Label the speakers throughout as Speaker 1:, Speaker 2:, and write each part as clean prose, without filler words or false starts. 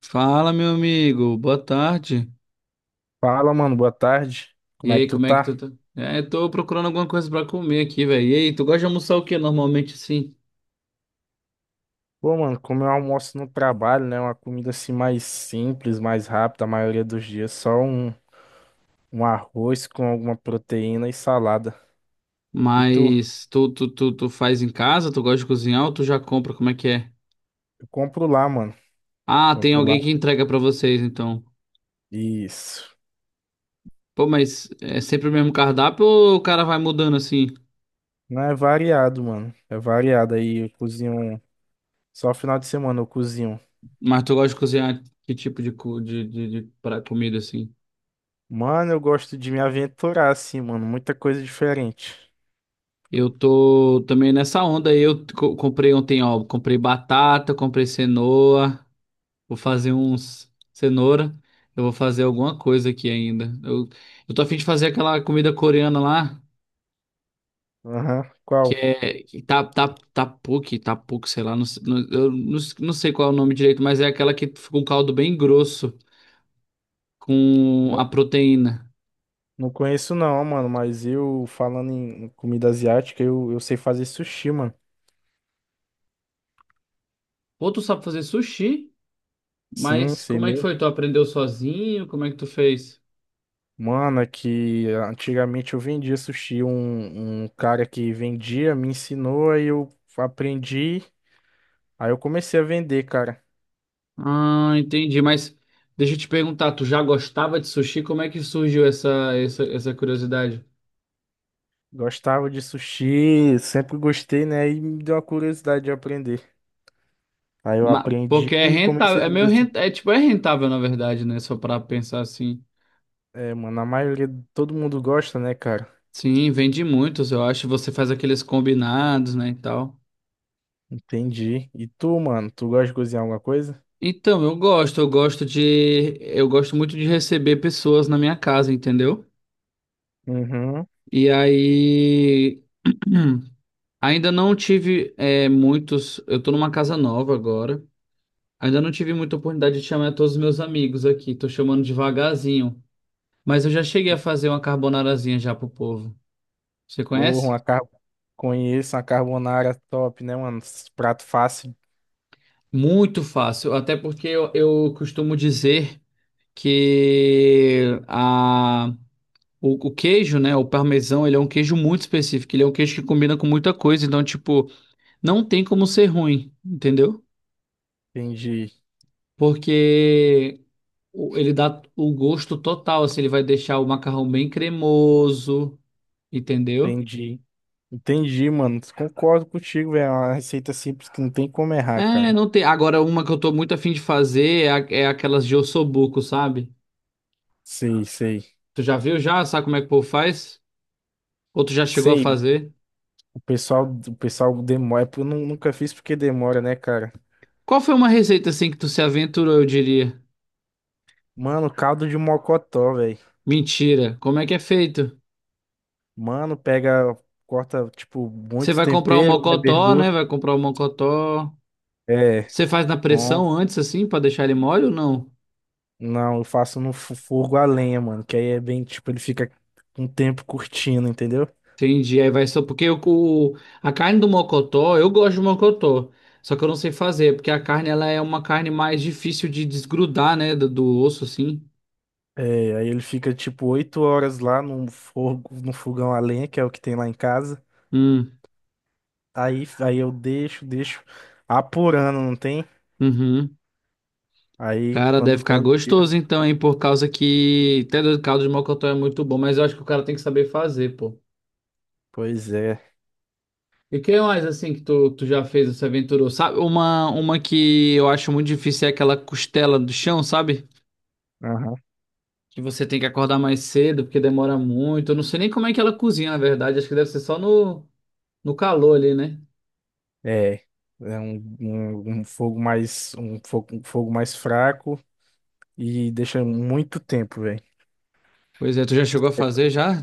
Speaker 1: Fala, meu amigo. Boa tarde.
Speaker 2: Fala, mano, boa tarde.
Speaker 1: E
Speaker 2: Como é que
Speaker 1: aí,
Speaker 2: tu
Speaker 1: como é que tu
Speaker 2: tá?
Speaker 1: tá? É, tô procurando alguma coisa pra comer aqui, velho. E aí, tu gosta de almoçar o quê normalmente assim?
Speaker 2: Pô, mano, como eu almoço no trabalho, né? Uma comida assim mais simples, mais rápida, a maioria dos dias. Um arroz com alguma proteína e salada. E tu?
Speaker 1: Mas tu faz em casa? Tu gosta de cozinhar ou tu já compra? Como é que é?
Speaker 2: Eu compro lá, mano.
Speaker 1: Ah, tem
Speaker 2: Compro lá.
Speaker 1: alguém que entrega pra vocês, então.
Speaker 2: Isso.
Speaker 1: Pô, mas é sempre o mesmo cardápio ou o cara vai mudando assim?
Speaker 2: Não é variado, mano. É variado. Aí eu cozinho. Só final de semana eu cozinho.
Speaker 1: Mas tu gosta de cozinhar que tipo de, comida assim?
Speaker 2: Mano, eu gosto de me aventurar assim, mano. Muita coisa diferente.
Speaker 1: Eu tô também nessa onda aí. Comprei ontem, ó. Comprei batata, comprei cenoura. Vou fazer uns cenoura. Eu vou fazer alguma coisa aqui ainda. Eu tô a fim de fazer aquela comida coreana lá,
Speaker 2: Aham.
Speaker 1: que
Speaker 2: Qual?
Speaker 1: é que sei lá, eu não sei qual é o nome direito, mas é aquela que fica um caldo bem grosso com a proteína.
Speaker 2: Não conheço não, mano, mas eu falando em comida asiática, eu sei fazer sushi, mano.
Speaker 1: Ou tu sabe fazer sushi,
Speaker 2: Sim,
Speaker 1: mas
Speaker 2: sei
Speaker 1: como é que
Speaker 2: mesmo.
Speaker 1: foi? Tu aprendeu sozinho? Como é que tu fez?
Speaker 2: Mano, é que antigamente eu vendia sushi, um cara que vendia me ensinou, aí eu aprendi, aí eu comecei a vender, cara.
Speaker 1: Ah, entendi, mas deixa eu te perguntar, tu já gostava de sushi? Como é que surgiu essa curiosidade?
Speaker 2: Gostava de sushi, sempre gostei, né? E me deu a curiosidade de aprender. Aí eu
Speaker 1: Porque
Speaker 2: aprendi
Speaker 1: é
Speaker 2: e
Speaker 1: rentável,
Speaker 2: comecei a
Speaker 1: é meio
Speaker 2: vender.
Speaker 1: rentável, é tipo, é rentável na verdade, né? Só pra pensar assim.
Speaker 2: É, mano, a maioria, todo mundo gosta, né, cara?
Speaker 1: Sim, vende muitos, eu acho. Você faz aqueles combinados, né, e tal.
Speaker 2: Entendi. E tu, mano, tu gosta de cozinhar alguma coisa?
Speaker 1: Então, eu gosto, eu gosto muito de receber pessoas na minha casa, entendeu?
Speaker 2: Uhum.
Speaker 1: E aí, ainda não tive muitos. Eu tô numa casa nova agora. Ainda não tive muita oportunidade de chamar todos os meus amigos aqui. Tô chamando devagarzinho, mas eu já cheguei a fazer uma carbonarazinha já pro povo. Você
Speaker 2: Porra,
Speaker 1: conhece?
Speaker 2: uma conheço uma carbonara top, né, mano? Esses prato fácil.
Speaker 1: Muito fácil, até porque eu costumo dizer que a, o queijo, né, o parmesão, ele é um queijo muito específico, ele é um queijo que combina com muita coisa, então, tipo, não tem como ser ruim, entendeu?
Speaker 2: Entendi,
Speaker 1: Porque ele dá o gosto total, assim, ele vai deixar o macarrão bem cremoso, entendeu?
Speaker 2: entendi. Entendi, mano. Concordo contigo, velho. É uma receita simples que não tem como errar,
Speaker 1: É,
Speaker 2: cara.
Speaker 1: não tem. Agora, uma que eu tô muito afim de fazer é, é aquelas de ossobuco, sabe?
Speaker 2: Sei, sei.
Speaker 1: Tu já viu já? Sabe como é que o povo faz? Ou tu já chegou a
Speaker 2: Sei,
Speaker 1: fazer?
Speaker 2: o pessoal demora. Eu nunca fiz porque demora, né, cara?
Speaker 1: Qual foi uma receita assim que tu se aventurou, eu diria?
Speaker 2: Mano, caldo de mocotó, velho.
Speaker 1: Mentira. Como é que é feito?
Speaker 2: Mano, pega, corta, tipo,
Speaker 1: Você
Speaker 2: muito
Speaker 1: vai comprar o
Speaker 2: tempero, né,
Speaker 1: mocotó, né?
Speaker 2: verdura.
Speaker 1: Vai comprar o mocotó.
Speaker 2: É,
Speaker 1: Você faz na pressão antes, assim, pra deixar ele mole ou não?
Speaker 2: não, eu faço no fogo a lenha, mano. Que aí é bem, tipo, ele fica um tempo curtindo, entendeu?
Speaker 1: Entendi. Aí vai só porque a carne do mocotó, eu gosto de mocotó. Só que eu não sei fazer, porque a carne ela é uma carne mais difícil de desgrudar, né? Do osso, assim.
Speaker 2: É, aí ele fica tipo 8 horas lá no fogo, no fogão a lenha, que é o que tem lá em casa.
Speaker 1: Hum,
Speaker 2: Aí eu deixo apurando, não tem?
Speaker 1: uhum.
Speaker 2: Aí
Speaker 1: Cara, deve
Speaker 2: quando,
Speaker 1: ficar
Speaker 2: quando
Speaker 1: gostoso
Speaker 2: tira.
Speaker 1: então, hein? Por causa que até do caldo de mocotó é muito bom, mas eu acho que o cara tem que saber fazer, pô.
Speaker 2: Pois é.
Speaker 1: E que mais assim que tu já fez, se aventurou? Sabe, uma que eu acho muito difícil é aquela costela do chão, sabe?
Speaker 2: Aham.
Speaker 1: Que você tem que acordar mais cedo porque demora muito. Eu não sei nem como é que ela cozinha, na verdade. Acho que deve ser só no calor ali, né?
Speaker 2: É. É um, um, um fogo mais fraco e deixa muito tempo, velho.
Speaker 1: Pois é, tu já chegou a fazer já?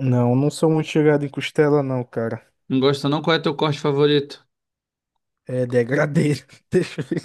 Speaker 2: Não, não sou muito chegado em costela, não, cara.
Speaker 1: Não gosta não? Qual é teu corte favorito?
Speaker 2: É degradê. Deixa eu ver.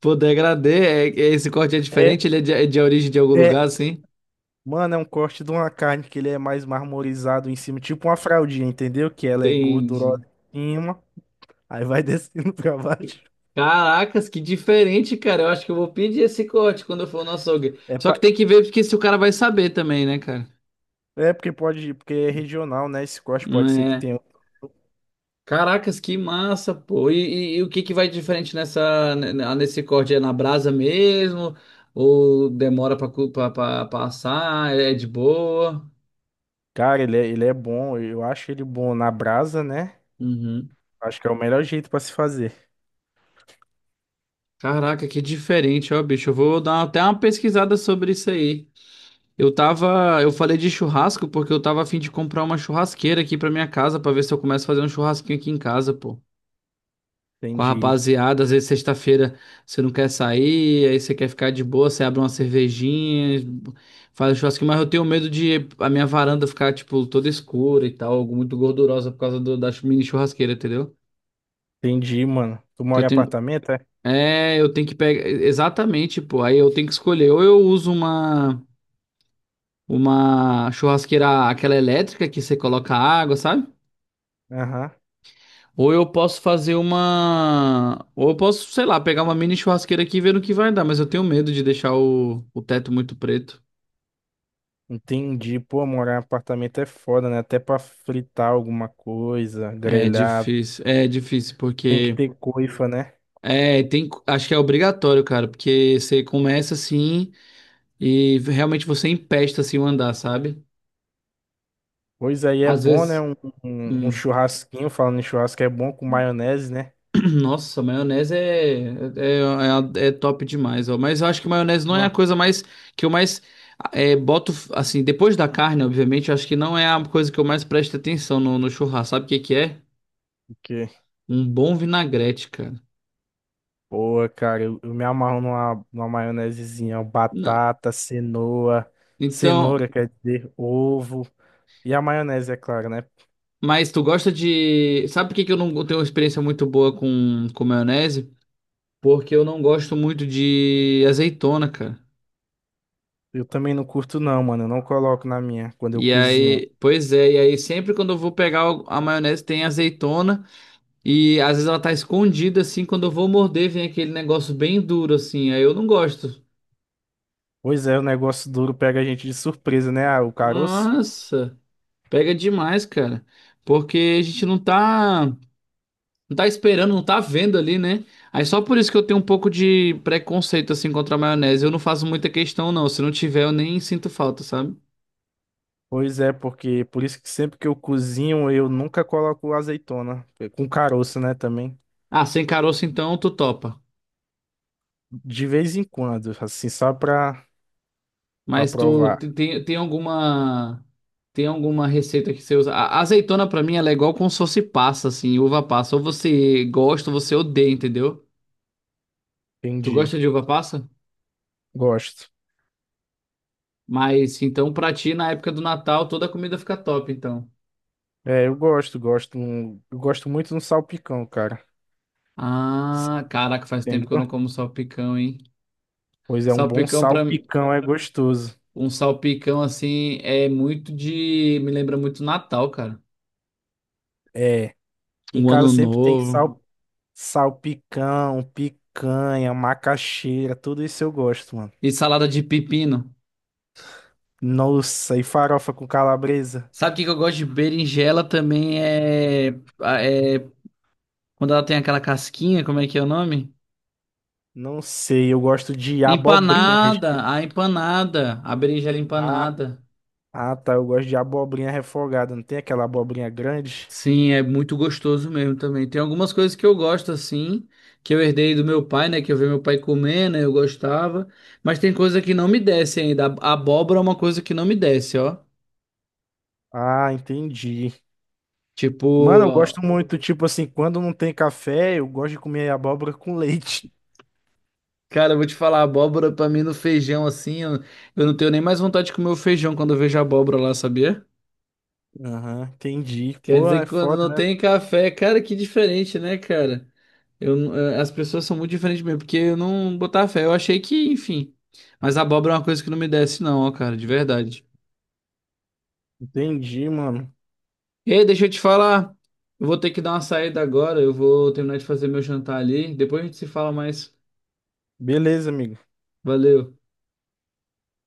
Speaker 1: Pô, degradê, esse corte é
Speaker 2: É,
Speaker 1: diferente? Ele é de origem de algum lugar,
Speaker 2: é,
Speaker 1: assim?
Speaker 2: mano, é um corte de uma carne que ele é mais marmorizado em cima, tipo uma fraldinha, entendeu? Que ela é gordurosa
Speaker 1: Entendi.
Speaker 2: em cima, aí vai descendo pra baixo.
Speaker 1: Caracas, que diferente, cara. Eu acho que eu vou pedir esse corte quando eu for no açougue.
Speaker 2: É,
Speaker 1: Só que
Speaker 2: pa-
Speaker 1: tem que ver porque se o cara vai saber também, né, cara?
Speaker 2: é porque pode, porque é regional, né? Esse corte pode ser que
Speaker 1: É.
Speaker 2: tenha.
Speaker 1: Caracas, que massa, pô. E o que que vai diferente nessa, nesse corte? É na brasa mesmo? Ou demora pra, pra passar? É é de boa?
Speaker 2: Cara, ele é bom, eu acho ele bom na brasa, né?
Speaker 1: Uhum.
Speaker 2: Acho que é o melhor jeito pra se fazer.
Speaker 1: Caraca, que diferente, ó, bicho. Eu vou dar até uma pesquisada sobre isso aí. Eu tava, eu falei de churrasco porque eu tava a fim de comprar uma churrasqueira aqui pra minha casa pra ver se eu começo a fazer um churrasquinho aqui em casa, pô. Com a
Speaker 2: Entendi,
Speaker 1: rapaziada, às vezes sexta-feira você não quer sair, aí você quer ficar de boa, você abre uma cervejinha, faz um churrasquinho, mas eu tenho medo de a minha varanda ficar, tipo, toda escura e tal, muito gordurosa por causa da mini churrasqueira, entendeu?
Speaker 2: entendi, mano. Tu
Speaker 1: Que
Speaker 2: mora
Speaker 1: eu
Speaker 2: em
Speaker 1: tenho,
Speaker 2: apartamento, é?
Speaker 1: é, eu tenho que pegar, exatamente, pô, aí eu tenho que escolher, ou eu uso uma churrasqueira, aquela elétrica que você coloca água, sabe?
Speaker 2: Aham,
Speaker 1: Ou eu posso fazer uma. Ou eu posso, sei lá, pegar uma mini churrasqueira aqui e ver no que vai dar, mas eu tenho medo de deixar o teto muito preto.
Speaker 2: entendi. Pô, morar em apartamento é foda, né? Até pra fritar alguma coisa,
Speaker 1: É
Speaker 2: grelhar,
Speaker 1: difícil. É difícil,
Speaker 2: tem que
Speaker 1: porque.
Speaker 2: ter coifa, né?
Speaker 1: É, tem. Acho que é obrigatório, cara, porque você começa assim e realmente você empesta assim o andar, sabe?
Speaker 2: Pois aí é
Speaker 1: Às
Speaker 2: bom, né?
Speaker 1: vezes.
Speaker 2: Um
Speaker 1: Hum.
Speaker 2: churrasquinho, falando em churrasco, é bom com maionese, né?
Speaker 1: Nossa, maionese é top demais, ó. Mas eu acho que maionese não é
Speaker 2: Ué,
Speaker 1: a coisa mais que eu mais boto, assim, depois da carne, obviamente, eu acho que não é a coisa que eu mais presto atenção no churrasco. Sabe o que que é?
Speaker 2: porque,
Speaker 1: Um bom vinagrete, cara.
Speaker 2: pô, cara, eu me amarro numa maionesezinha, ó,
Speaker 1: Não.
Speaker 2: batata,
Speaker 1: Então,
Speaker 2: cenoura, quer dizer, ovo. E a maionese, é claro, né?
Speaker 1: mas tu gosta de. Sabe por que que eu não tenho uma experiência muito boa com maionese? Porque eu não gosto muito de azeitona, cara.
Speaker 2: Eu também não curto, não, mano. Eu não coloco na minha quando eu
Speaker 1: E
Speaker 2: cozinho.
Speaker 1: aí, pois é, e aí sempre quando eu vou pegar a maionese tem azeitona. E às vezes ela tá escondida assim, quando eu vou morder, vem aquele negócio bem duro assim. Aí eu não gosto.
Speaker 2: Pois é, o negócio duro pega a gente de surpresa, né? Ah, o caroço.
Speaker 1: Nossa, pega demais, cara. Porque a gente não tá esperando, não tá vendo ali, né? Aí só por isso que eu tenho um pouco de preconceito assim contra a maionese. Eu não faço muita questão não, se não tiver eu nem sinto falta, sabe?
Speaker 2: Pois é, porque por isso que sempre que eu cozinho, eu nunca coloco azeitona. Com caroço, né, também.
Speaker 1: Ah, sem caroço então tu topa.
Speaker 2: De vez em quando, assim, pra
Speaker 1: Mas tu
Speaker 2: provar.
Speaker 1: tem alguma receita que você usa? A azeitona pra mim ela é igual como se fosse passa, assim, uva passa. Ou você gosta ou você odeia, entendeu? Tu
Speaker 2: Entendi.
Speaker 1: gosta de uva passa?
Speaker 2: Gosto.
Speaker 1: Mas então pra ti na época do Natal toda a comida fica top, então.
Speaker 2: É, eu gosto, gosto. Eu gosto muito no salpicão, cara.
Speaker 1: Ah, caraca, faz tempo que eu não
Speaker 2: Entendeu?
Speaker 1: como salpicão, hein?
Speaker 2: Pois é, um bom
Speaker 1: Salpicão pra mim,
Speaker 2: salpicão é gostoso.
Speaker 1: um salpicão assim é muito de me lembra muito Natal, cara.
Speaker 2: É. Aqui em
Speaker 1: Um
Speaker 2: casa
Speaker 1: ano
Speaker 2: sempre tem
Speaker 1: novo
Speaker 2: salpicão, picanha, macaxeira, tudo isso eu gosto, mano.
Speaker 1: e salada de pepino.
Speaker 2: Nossa, e farofa com calabresa?
Speaker 1: Sabe o que que eu gosto de berinjela também é, é quando ela tem aquela casquinha, como é que é o nome?
Speaker 2: Não sei, eu gosto de abobrinha.
Speaker 1: Empanada, a empanada, a berinjela
Speaker 2: Ah,
Speaker 1: empanada.
Speaker 2: ah, tá, eu gosto de abobrinha refogada. Não tem aquela abobrinha grande?
Speaker 1: Sim, é muito gostoso mesmo também. Tem algumas coisas que eu gosto assim, que eu herdei do meu pai, né, que eu vi meu pai comer, né, eu gostava, mas tem coisa que não me desce ainda. A abóbora é uma coisa que não me desce, ó.
Speaker 2: Ah, entendi.
Speaker 1: Tipo,
Speaker 2: Mano, eu gosto muito, tipo assim, quando não tem café, eu gosto de comer abóbora com leite.
Speaker 1: cara, eu vou te falar, abóbora pra mim no feijão assim, eu não tenho nem mais vontade de comer o feijão quando eu vejo abóbora lá, sabia?
Speaker 2: Aham, entendi.
Speaker 1: Quer
Speaker 2: Pô,
Speaker 1: dizer
Speaker 2: é
Speaker 1: que quando
Speaker 2: foda,
Speaker 1: não
Speaker 2: né?
Speaker 1: tem café, cara, que diferente, né, cara? Eu, n- as pessoas são muito diferentes mesmo, porque eu não botava fé. Eu achei que, enfim. Mas abóbora é uma coisa que não me desce, não, ó, cara, de verdade.
Speaker 2: Entendi, mano.
Speaker 1: Ei, deixa eu te falar. Eu vou ter que dar uma saída agora. Eu vou terminar de fazer meu jantar ali. Depois a gente se fala mais.
Speaker 2: Beleza, amigo.
Speaker 1: Valeu.